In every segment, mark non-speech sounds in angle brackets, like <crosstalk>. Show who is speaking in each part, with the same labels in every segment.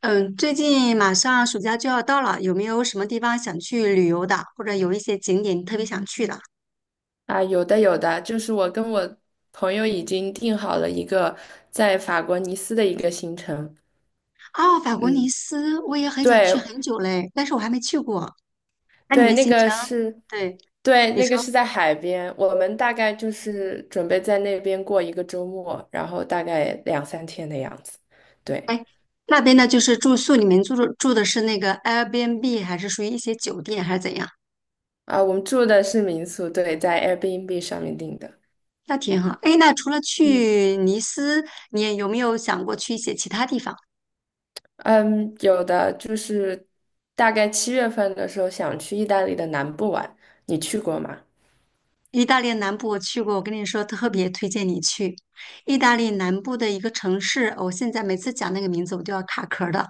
Speaker 1: 嗯，最近马上暑假就要到了，有没有什么地方想去旅游的，或者有一些景点特别想去的？
Speaker 2: 啊，有的有的，就是我跟我朋友已经定好了一个在法国尼斯的一个行程。
Speaker 1: 哦，法国尼
Speaker 2: 嗯，
Speaker 1: 斯，我也很想
Speaker 2: 对
Speaker 1: 去很久嘞，但是我还没去过。那你
Speaker 2: 对，
Speaker 1: 们
Speaker 2: 那
Speaker 1: 行程，
Speaker 2: 个是，
Speaker 1: 对，
Speaker 2: 对，
Speaker 1: 你
Speaker 2: 那个
Speaker 1: 说
Speaker 2: 是在海边，我们大概就是准备在那边过一个周末，然后大概两三天的样子。对，
Speaker 1: 那边呢，就是住宿，你们住的是那个 Airbnb，还是属于一些酒店，还是怎样？
Speaker 2: 啊，我们住的是民宿，对，在 Airbnb 上面订的。
Speaker 1: 那挺好。哎，那除了
Speaker 2: 嗯
Speaker 1: 去尼斯，你有没有想过去一些其他地方？
Speaker 2: 嗯，有的就是大概七月份的时候想去意大利的南部玩，你去过吗？
Speaker 1: 意大利南部我去过，我跟你说，特别推荐你去意大利南部的一个城市。我现在每次讲那个名字，我都要卡壳儿的。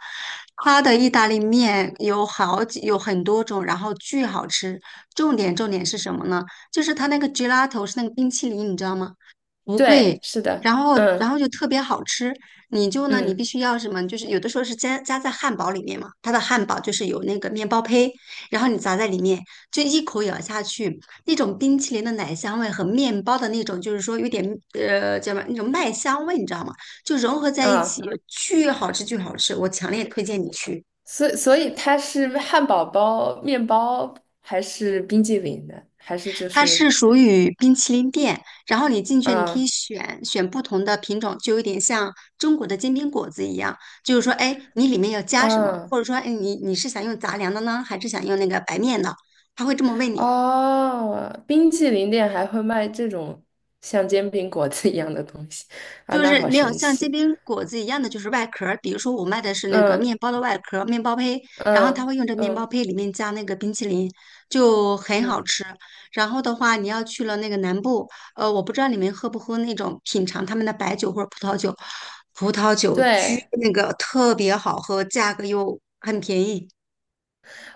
Speaker 1: 它的意大利面有好几，有很多种，然后巨好吃。重点是什么呢？就是它那个 gelato 是那个冰淇淋，你知道吗？不
Speaker 2: 对，
Speaker 1: 贵，
Speaker 2: 是的，
Speaker 1: 然后然
Speaker 2: 嗯
Speaker 1: 后就特别好吃。你就呢，你
Speaker 2: 嗯
Speaker 1: 必须要什么？就是有的时候是加在汉堡里面嘛，它的汉堡就是有那个面包胚，然后你砸在里面，就一口咬下去，那种冰淇淋的奶香味和面包的那种，就是说有点叫什么那种麦香味，你知道吗？就融合在一起，
Speaker 2: 啊，
Speaker 1: 巨好吃，巨好吃！我强烈推荐你去。
Speaker 2: 所以它是汉堡包、面包还是冰激凌的？还是就
Speaker 1: 它
Speaker 2: 是
Speaker 1: 是属于冰淇淋店，然后你进去，你可
Speaker 2: 嗯
Speaker 1: 以选不同的品种，就有点像中国的煎饼果子一样，就是说，哎，你里面要加什么，
Speaker 2: 嗯
Speaker 1: 或者说，哎，你是想用杂粮的呢，还是想用那个白面的？他会这么问你，
Speaker 2: 哦，冰激凌店还会卖这种像煎饼果子一样的东西啊，
Speaker 1: 就
Speaker 2: 那
Speaker 1: 是
Speaker 2: 好
Speaker 1: 没有
Speaker 2: 神
Speaker 1: 像煎
Speaker 2: 奇。
Speaker 1: 饼果子一样的，就是外壳儿。比如说，我卖的是那个
Speaker 2: 嗯
Speaker 1: 面包的外壳儿，面包胚，然后他
Speaker 2: 嗯
Speaker 1: 会用这面包
Speaker 2: 嗯
Speaker 1: 胚里面加那个冰淇淋，就很好
Speaker 2: 嗯，
Speaker 1: 吃。然后的话，你要去了那个南部，我不知道你们喝不喝那种品尝他们的白酒或者葡萄酒，葡萄酒巨
Speaker 2: 对
Speaker 1: 那个特别好喝，价格又很便宜。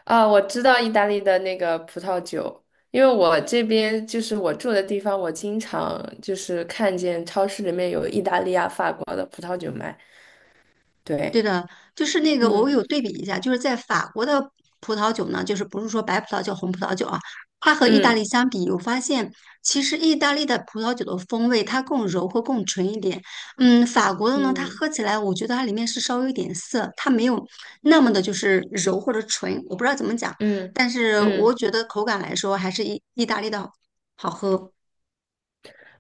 Speaker 2: 啊，我知道意大利的那个葡萄酒，因为我这边就是我住的地方，我经常就是看见超市里面有意大利啊、法国的葡萄酒卖。
Speaker 1: 对
Speaker 2: 对，
Speaker 1: 的，就是那个，我
Speaker 2: 嗯
Speaker 1: 有对比一下，就是在法国的葡萄酒呢，就是不是说白葡萄酒、红葡萄酒啊，它和意大利
Speaker 2: 嗯
Speaker 1: 相比，我发现其实意大利的葡萄酒的风味它更柔和、更纯一点。法国的呢，它
Speaker 2: 嗯
Speaker 1: 喝起来，我觉得它里面是稍微有点涩，它没有那么的就是柔或者纯，我不知道怎么讲，
Speaker 2: 嗯
Speaker 1: 但是我
Speaker 2: 嗯
Speaker 1: 觉得口感来说，还是意大利的好喝。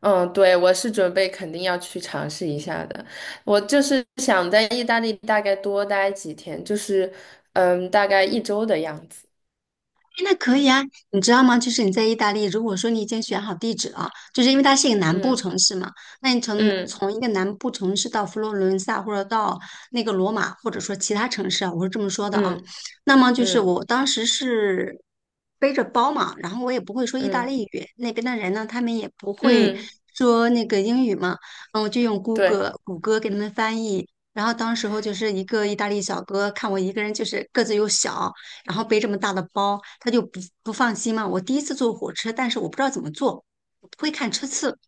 Speaker 2: 嗯，对，我是准备肯定要去尝试一下的。我就是想在意大利大概多待几天，就是嗯，大概一周的样子。
Speaker 1: 那可以啊，你知道吗？就是你在意大利，如果说你已经选好地址了，就是因为它是一个南部
Speaker 2: 嗯
Speaker 1: 城市嘛，那你从
Speaker 2: 嗯
Speaker 1: 从一个南部城市到佛罗伦萨，或者到那个罗马，或者说其他城市啊，我是这么说的啊。
Speaker 2: 嗯
Speaker 1: 那么就是
Speaker 2: 嗯
Speaker 1: 我当时是背着包嘛，然后我也不会说意大
Speaker 2: 嗯
Speaker 1: 利语，那边的人呢，他们也不会
Speaker 2: 嗯，
Speaker 1: 说那个英语嘛，我就用谷
Speaker 2: 对
Speaker 1: 歌谷歌给他们翻译。然后当时候就是一个意大利小哥看我一个人就是个子又小。然后背这么大的包，他就不放心嘛。我第一次坐火车，但是我不知道怎么坐，我不会看车次。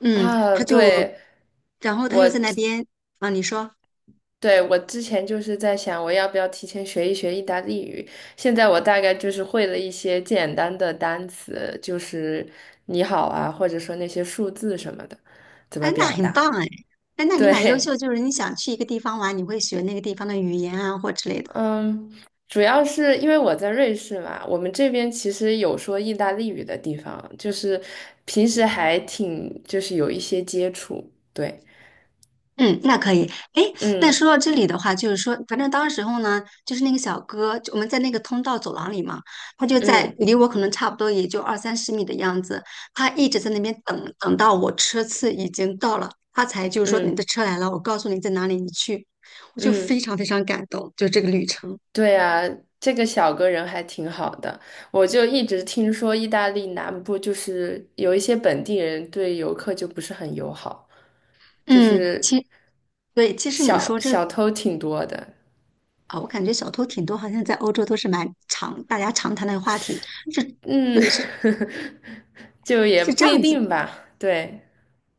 Speaker 1: 嗯，
Speaker 2: 啊，
Speaker 1: 他就，
Speaker 2: 对。
Speaker 1: 然后他
Speaker 2: 我
Speaker 1: 就在那边啊，你说，
Speaker 2: 对我之前就是在想，我要不要提前学一学意大利语？现在我大概就是会了一些简单的单词，就是你好啊，或者说那些数字什么的，怎
Speaker 1: 哎，
Speaker 2: 么
Speaker 1: 那
Speaker 2: 表
Speaker 1: 很
Speaker 2: 达？
Speaker 1: 棒哎，哎，那你蛮优
Speaker 2: 对，
Speaker 1: 秀，就是你想去一个地方玩，你会学那个地方的语言啊或之类的。
Speaker 2: 嗯，主要是因为我在瑞士嘛，我们这边其实有说意大利语的地方，就是平时还挺就是有一些接触，对，
Speaker 1: 嗯，那可以。哎，那
Speaker 2: 嗯
Speaker 1: 说到这里的话，就是说，反正当时候呢，就是那个小哥，就我们在那个通道走廊里嘛，他就在
Speaker 2: 嗯
Speaker 1: 离我可能差不多也就二三十米的样子，他一直在那边等，等到我车次已经到了，他才就是说你的
Speaker 2: 嗯
Speaker 1: 车来了，我告诉你在哪里，你去。我就
Speaker 2: 嗯。
Speaker 1: 非
Speaker 2: 嗯
Speaker 1: 常非常感动，就这个旅程。
Speaker 2: 对啊，这个小哥人还挺好的。我就一直听说意大利南部就是有一些本地人对游客就不是很友好，就
Speaker 1: 嗯，
Speaker 2: 是
Speaker 1: 其对，其实你
Speaker 2: 小
Speaker 1: 说这
Speaker 2: 小偷挺多的。
Speaker 1: 啊，我感觉小偷挺多，好像在欧洲都是蛮常大家常谈的话题，是，
Speaker 2: 嗯，
Speaker 1: 对，是
Speaker 2: <laughs> 就也
Speaker 1: 是这
Speaker 2: 不一
Speaker 1: 样子
Speaker 2: 定吧。对，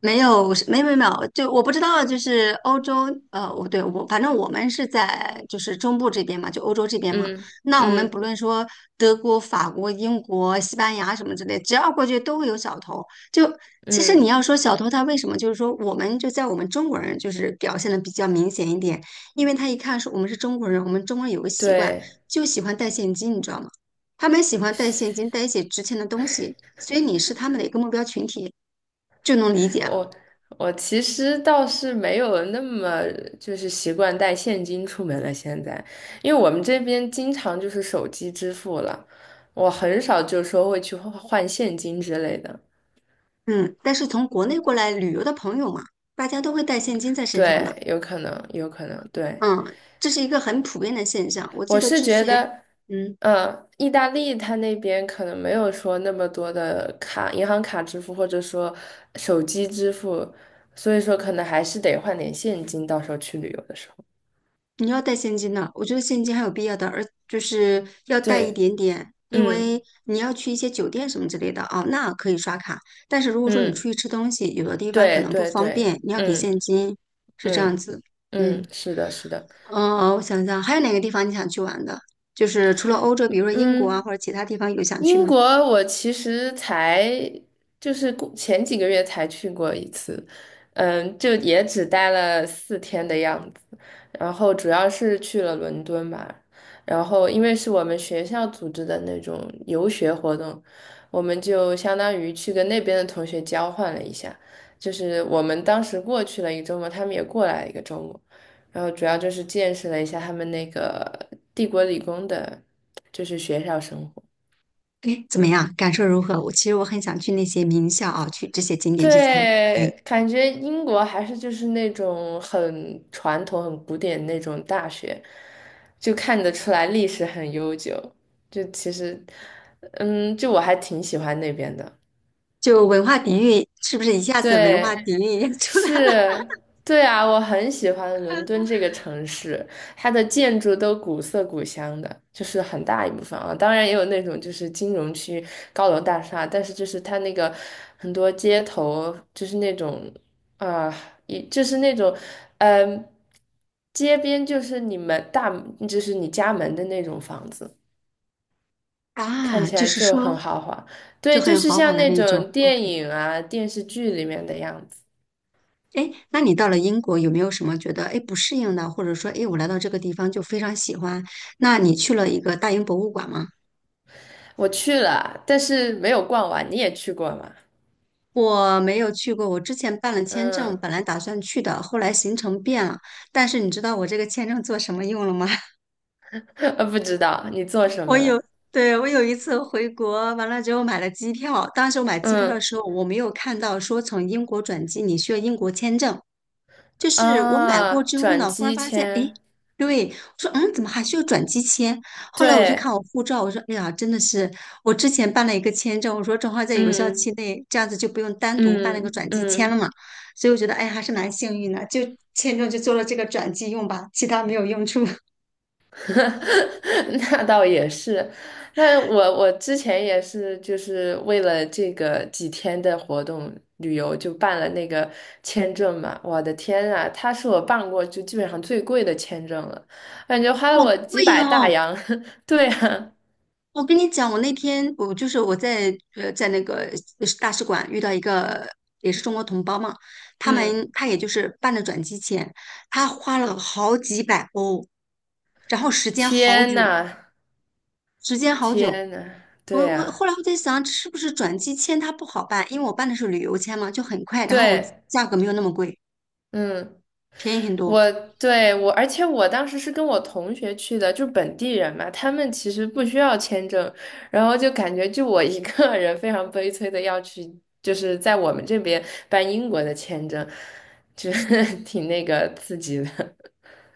Speaker 1: 没有，没有没有没有，就我不知道，就是欧洲，我反正我们是在就是中部这边嘛，就欧洲这边嘛。
Speaker 2: 嗯
Speaker 1: 那我们
Speaker 2: 嗯
Speaker 1: 不论说德国、法国、英国、西班牙什么之类，只要过去都会有小偷。就其实你
Speaker 2: 嗯，
Speaker 1: 要说小偷他为什么，就是说我们就在我们中国人就是表现的比较明显一点，因为他一看是我们是中国人，我们中国人有个习惯，
Speaker 2: 对。
Speaker 1: 就喜欢带现金，你知道吗？他们喜欢带现金，带一些值钱的东西，所以你是他们的一个目标群体，就能理解了。
Speaker 2: 我我其实倒是没有那么就是习惯带现金出门了，现在，因为我们这边经常就是手机支付了，我很少就说会去换换现金之类的。
Speaker 1: 嗯，但是从国内
Speaker 2: 嗯
Speaker 1: 过来旅游的朋友嘛，大家都会带现金在身上的，
Speaker 2: 对，有可能，有可能，对，
Speaker 1: 嗯，这是一个很普遍的现象。我记
Speaker 2: 我
Speaker 1: 得
Speaker 2: 是
Speaker 1: 之
Speaker 2: 觉
Speaker 1: 前，
Speaker 2: 得，
Speaker 1: 嗯，
Speaker 2: 嗯，意大利它那边可能没有说那么多的卡，银行卡支付或者说手机支付，所以说可能还是得换点现金，到时候去旅游的时候。
Speaker 1: 你要带现金的，我觉得现金还有必要的，而就是要带一
Speaker 2: 对，
Speaker 1: 点点，因
Speaker 2: 嗯。
Speaker 1: 为你要去一些酒店什么之类的啊，那可以刷卡。但是如果说你出
Speaker 2: 嗯，
Speaker 1: 去吃东西，有的地方可
Speaker 2: 对
Speaker 1: 能不
Speaker 2: 对
Speaker 1: 方
Speaker 2: 对，
Speaker 1: 便，你要给现
Speaker 2: 嗯
Speaker 1: 金，是这样
Speaker 2: 嗯
Speaker 1: 子。
Speaker 2: 嗯，
Speaker 1: 嗯，
Speaker 2: 是的，是的，
Speaker 1: 我想想，还有哪个地方你想去玩的？就是除了欧洲，比如说英国啊，
Speaker 2: 嗯。
Speaker 1: 或者其他地方有想去
Speaker 2: 英
Speaker 1: 吗？
Speaker 2: 国我其实才就是过前几个月才去过一次，嗯，就也只待了四天的样子，然后主要是去了伦敦吧，然后因为是我们学校组织的那种游学活动，我们就相当于去跟那边的同学交换了一下，就是我们当时过去了一个周末，他们也过来了一个周末，然后主要就是见识了一下他们那个帝国理工的，就是学校生活。
Speaker 1: 哎，怎么样？感受如何？我其实很想去那些名校啊，去这些景点去参观。
Speaker 2: 对，感觉英国还是就是那种很传统、很古典那种大学，就看得出来历史很悠久。就其实，嗯，就我还挺喜欢那边的。
Speaker 1: 就文化底蕴是不是一下子文
Speaker 2: 对，
Speaker 1: 化底蕴也 <laughs> 出来了
Speaker 2: 是，对啊，我很喜欢伦敦这个城市，它的建筑都古色古香的，就是很大一部分啊。当然也有那种就是金融区高楼大厦，但是就是它那个很多街头就是那种啊，一、就是那种嗯、街边就是你们大就是你家门的那种房子，
Speaker 1: <laughs>
Speaker 2: 看
Speaker 1: 啊？
Speaker 2: 起
Speaker 1: 就
Speaker 2: 来
Speaker 1: 是
Speaker 2: 就很
Speaker 1: 说
Speaker 2: 豪华。
Speaker 1: 就
Speaker 2: 对，就
Speaker 1: 很
Speaker 2: 是
Speaker 1: 豪华
Speaker 2: 像
Speaker 1: 的
Speaker 2: 那
Speaker 1: 那种。
Speaker 2: 种电
Speaker 1: OK，
Speaker 2: 影啊、电视剧里面的样子。
Speaker 1: 哎，诶那你到了英国有没有什么觉得哎不适应的，或者说哎我来到这个地方就非常喜欢？那你去了一个大英博物馆吗？
Speaker 2: 我去了，但是没有逛完。你也去过吗？
Speaker 1: 我没有去过，我之前办了签证，
Speaker 2: 嗯，
Speaker 1: 本来打算去的，后来行程变了。但是你知道我这个签证做什么用了吗？
Speaker 2: <laughs> 呃，不知道你做什
Speaker 1: 我
Speaker 2: 么
Speaker 1: 有，
Speaker 2: 了。
Speaker 1: 对，我有一次回国，完了之后买了机票。当时我买机票的
Speaker 2: 嗯
Speaker 1: 时候，我没有看到说从英国转机你需要英国签证。就是我买
Speaker 2: 啊，
Speaker 1: 过之后
Speaker 2: 转
Speaker 1: 呢，忽然
Speaker 2: 机
Speaker 1: 发现，诶，
Speaker 2: 签，
Speaker 1: 对，我说，怎么还需要转机签？后来我就看
Speaker 2: 对，
Speaker 1: 我护照，我说，哎呀，真的是，我之前办了一个签证，我说正好在有效期
Speaker 2: 嗯
Speaker 1: 内，这样子就不用单独办那个
Speaker 2: 嗯
Speaker 1: 转机签了
Speaker 2: 嗯，
Speaker 1: 嘛。所以我觉得，哎，还是蛮幸运的，就签证就做了这个转机用吧，其他没有用处。<laughs>
Speaker 2: <laughs> 那倒也是。那我之前也是，就是为了这个几天的活动旅游，就办了那个签证嘛。我的天啊，他是我办过就基本上最贵的签证了，感觉花
Speaker 1: 哦，
Speaker 2: 了我几
Speaker 1: 对
Speaker 2: 百大
Speaker 1: 哦，
Speaker 2: 洋。<laughs> 对啊。
Speaker 1: 我跟你讲，我那天我就是我在呃在那个大使馆遇到一个也是中国同胞嘛，他们
Speaker 2: 嗯，
Speaker 1: 他也就是办的转机签，他花了好几百欧，然后时间好
Speaker 2: 天
Speaker 1: 久，
Speaker 2: 呐，
Speaker 1: 时间好久。
Speaker 2: 天呐，
Speaker 1: 我
Speaker 2: 对
Speaker 1: 我
Speaker 2: 呀，
Speaker 1: 后来我在想，是不是转机签它不好办？因为我办的是旅游签嘛，就很快，然后我
Speaker 2: 对，
Speaker 1: 价格没有那么贵，
Speaker 2: 嗯，
Speaker 1: 便宜很多。
Speaker 2: 我对我，而且我当时是跟我同学去的，就本地人嘛，他们其实不需要签证，然后就感觉就我一个人非常悲催的要去，就是在我们这边办英国的签证，就是 <laughs> 挺那个刺激的，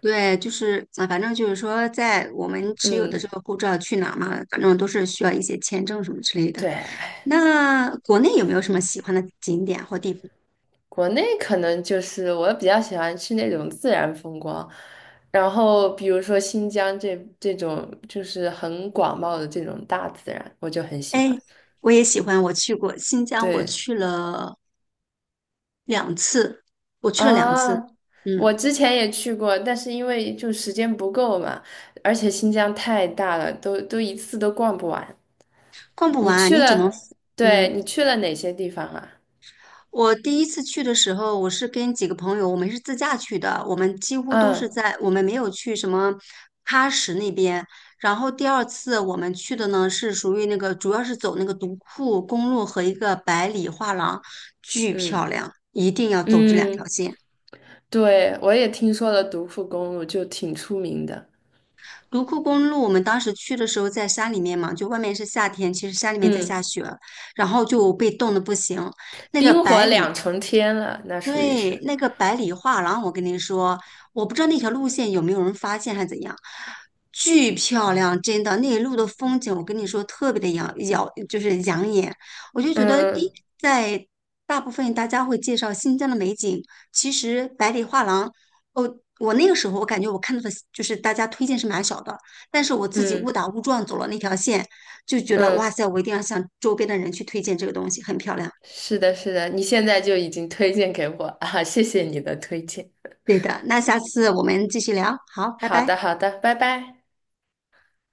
Speaker 1: 对，就是啊，反正就是说，在我们持有的
Speaker 2: 嗯，
Speaker 1: 这个护照去哪儿嘛，反正都是需要一些签证什么之类的。
Speaker 2: 对，
Speaker 1: 那国内有没有什么喜欢的景点或地方？
Speaker 2: 国内可能就是我比较喜欢去那种自然风光，然后比如说新疆这种就是很广袤的这种大自然，我就很喜欢。
Speaker 1: 哎，我也喜欢，我去过新疆，我
Speaker 2: 对
Speaker 1: 去了两次，我去了两次，
Speaker 2: 啊，我
Speaker 1: 嗯，
Speaker 2: 之前也去过，但是因为就时间不够嘛，而且新疆太大了，都一次都逛不完。
Speaker 1: 逛不
Speaker 2: 你
Speaker 1: 完，
Speaker 2: 去
Speaker 1: 你只能，
Speaker 2: 了，对，
Speaker 1: 嗯，
Speaker 2: 你去了哪些地方啊？
Speaker 1: 我第一次去的时候，我是跟几个朋友，我们是自驾去的，我们几乎都是
Speaker 2: 嗯
Speaker 1: 在，我们没有去什么喀什那边。然后第二次我们去的呢，是属于那个，主要是走那个独库公路和一个百里画廊，巨漂
Speaker 2: 嗯
Speaker 1: 亮，一定要走这两条
Speaker 2: 嗯，
Speaker 1: 线。
Speaker 2: 对，我也听说了独库公路，就挺出名的。
Speaker 1: 独库公路，我们当时去的时候在山里面嘛，就外面是夏天，其实山里面在下
Speaker 2: 嗯。
Speaker 1: 雪，然后就被冻得不行。那个
Speaker 2: 冰
Speaker 1: 百
Speaker 2: 火
Speaker 1: 里，
Speaker 2: 两重天了，那属于
Speaker 1: 对，
Speaker 2: 是，
Speaker 1: 那个百里画廊，我跟你说，我不知道那条路线有没有人发现还是怎样，巨漂亮，真的，那一路的风景，我跟你说特别的，就是养眼。我就觉得，
Speaker 2: 嗯
Speaker 1: 在大部分大家会介绍新疆的美景，其实百里画廊哦，我那个时候我感觉我看到的就是大家推荐是蛮少的，但是我自己
Speaker 2: 嗯
Speaker 1: 误
Speaker 2: 嗯
Speaker 1: 打误撞走了那条线，就觉得哇
Speaker 2: 嗯，
Speaker 1: 塞，我一定要向周边的人去推荐这个东西，很漂亮。
Speaker 2: 是的，是的，你现在就已经推荐给我啊，谢谢你的推荐。
Speaker 1: 对的，那下次我们继续聊，好，拜
Speaker 2: 好的，
Speaker 1: 拜。
Speaker 2: 好的，拜拜。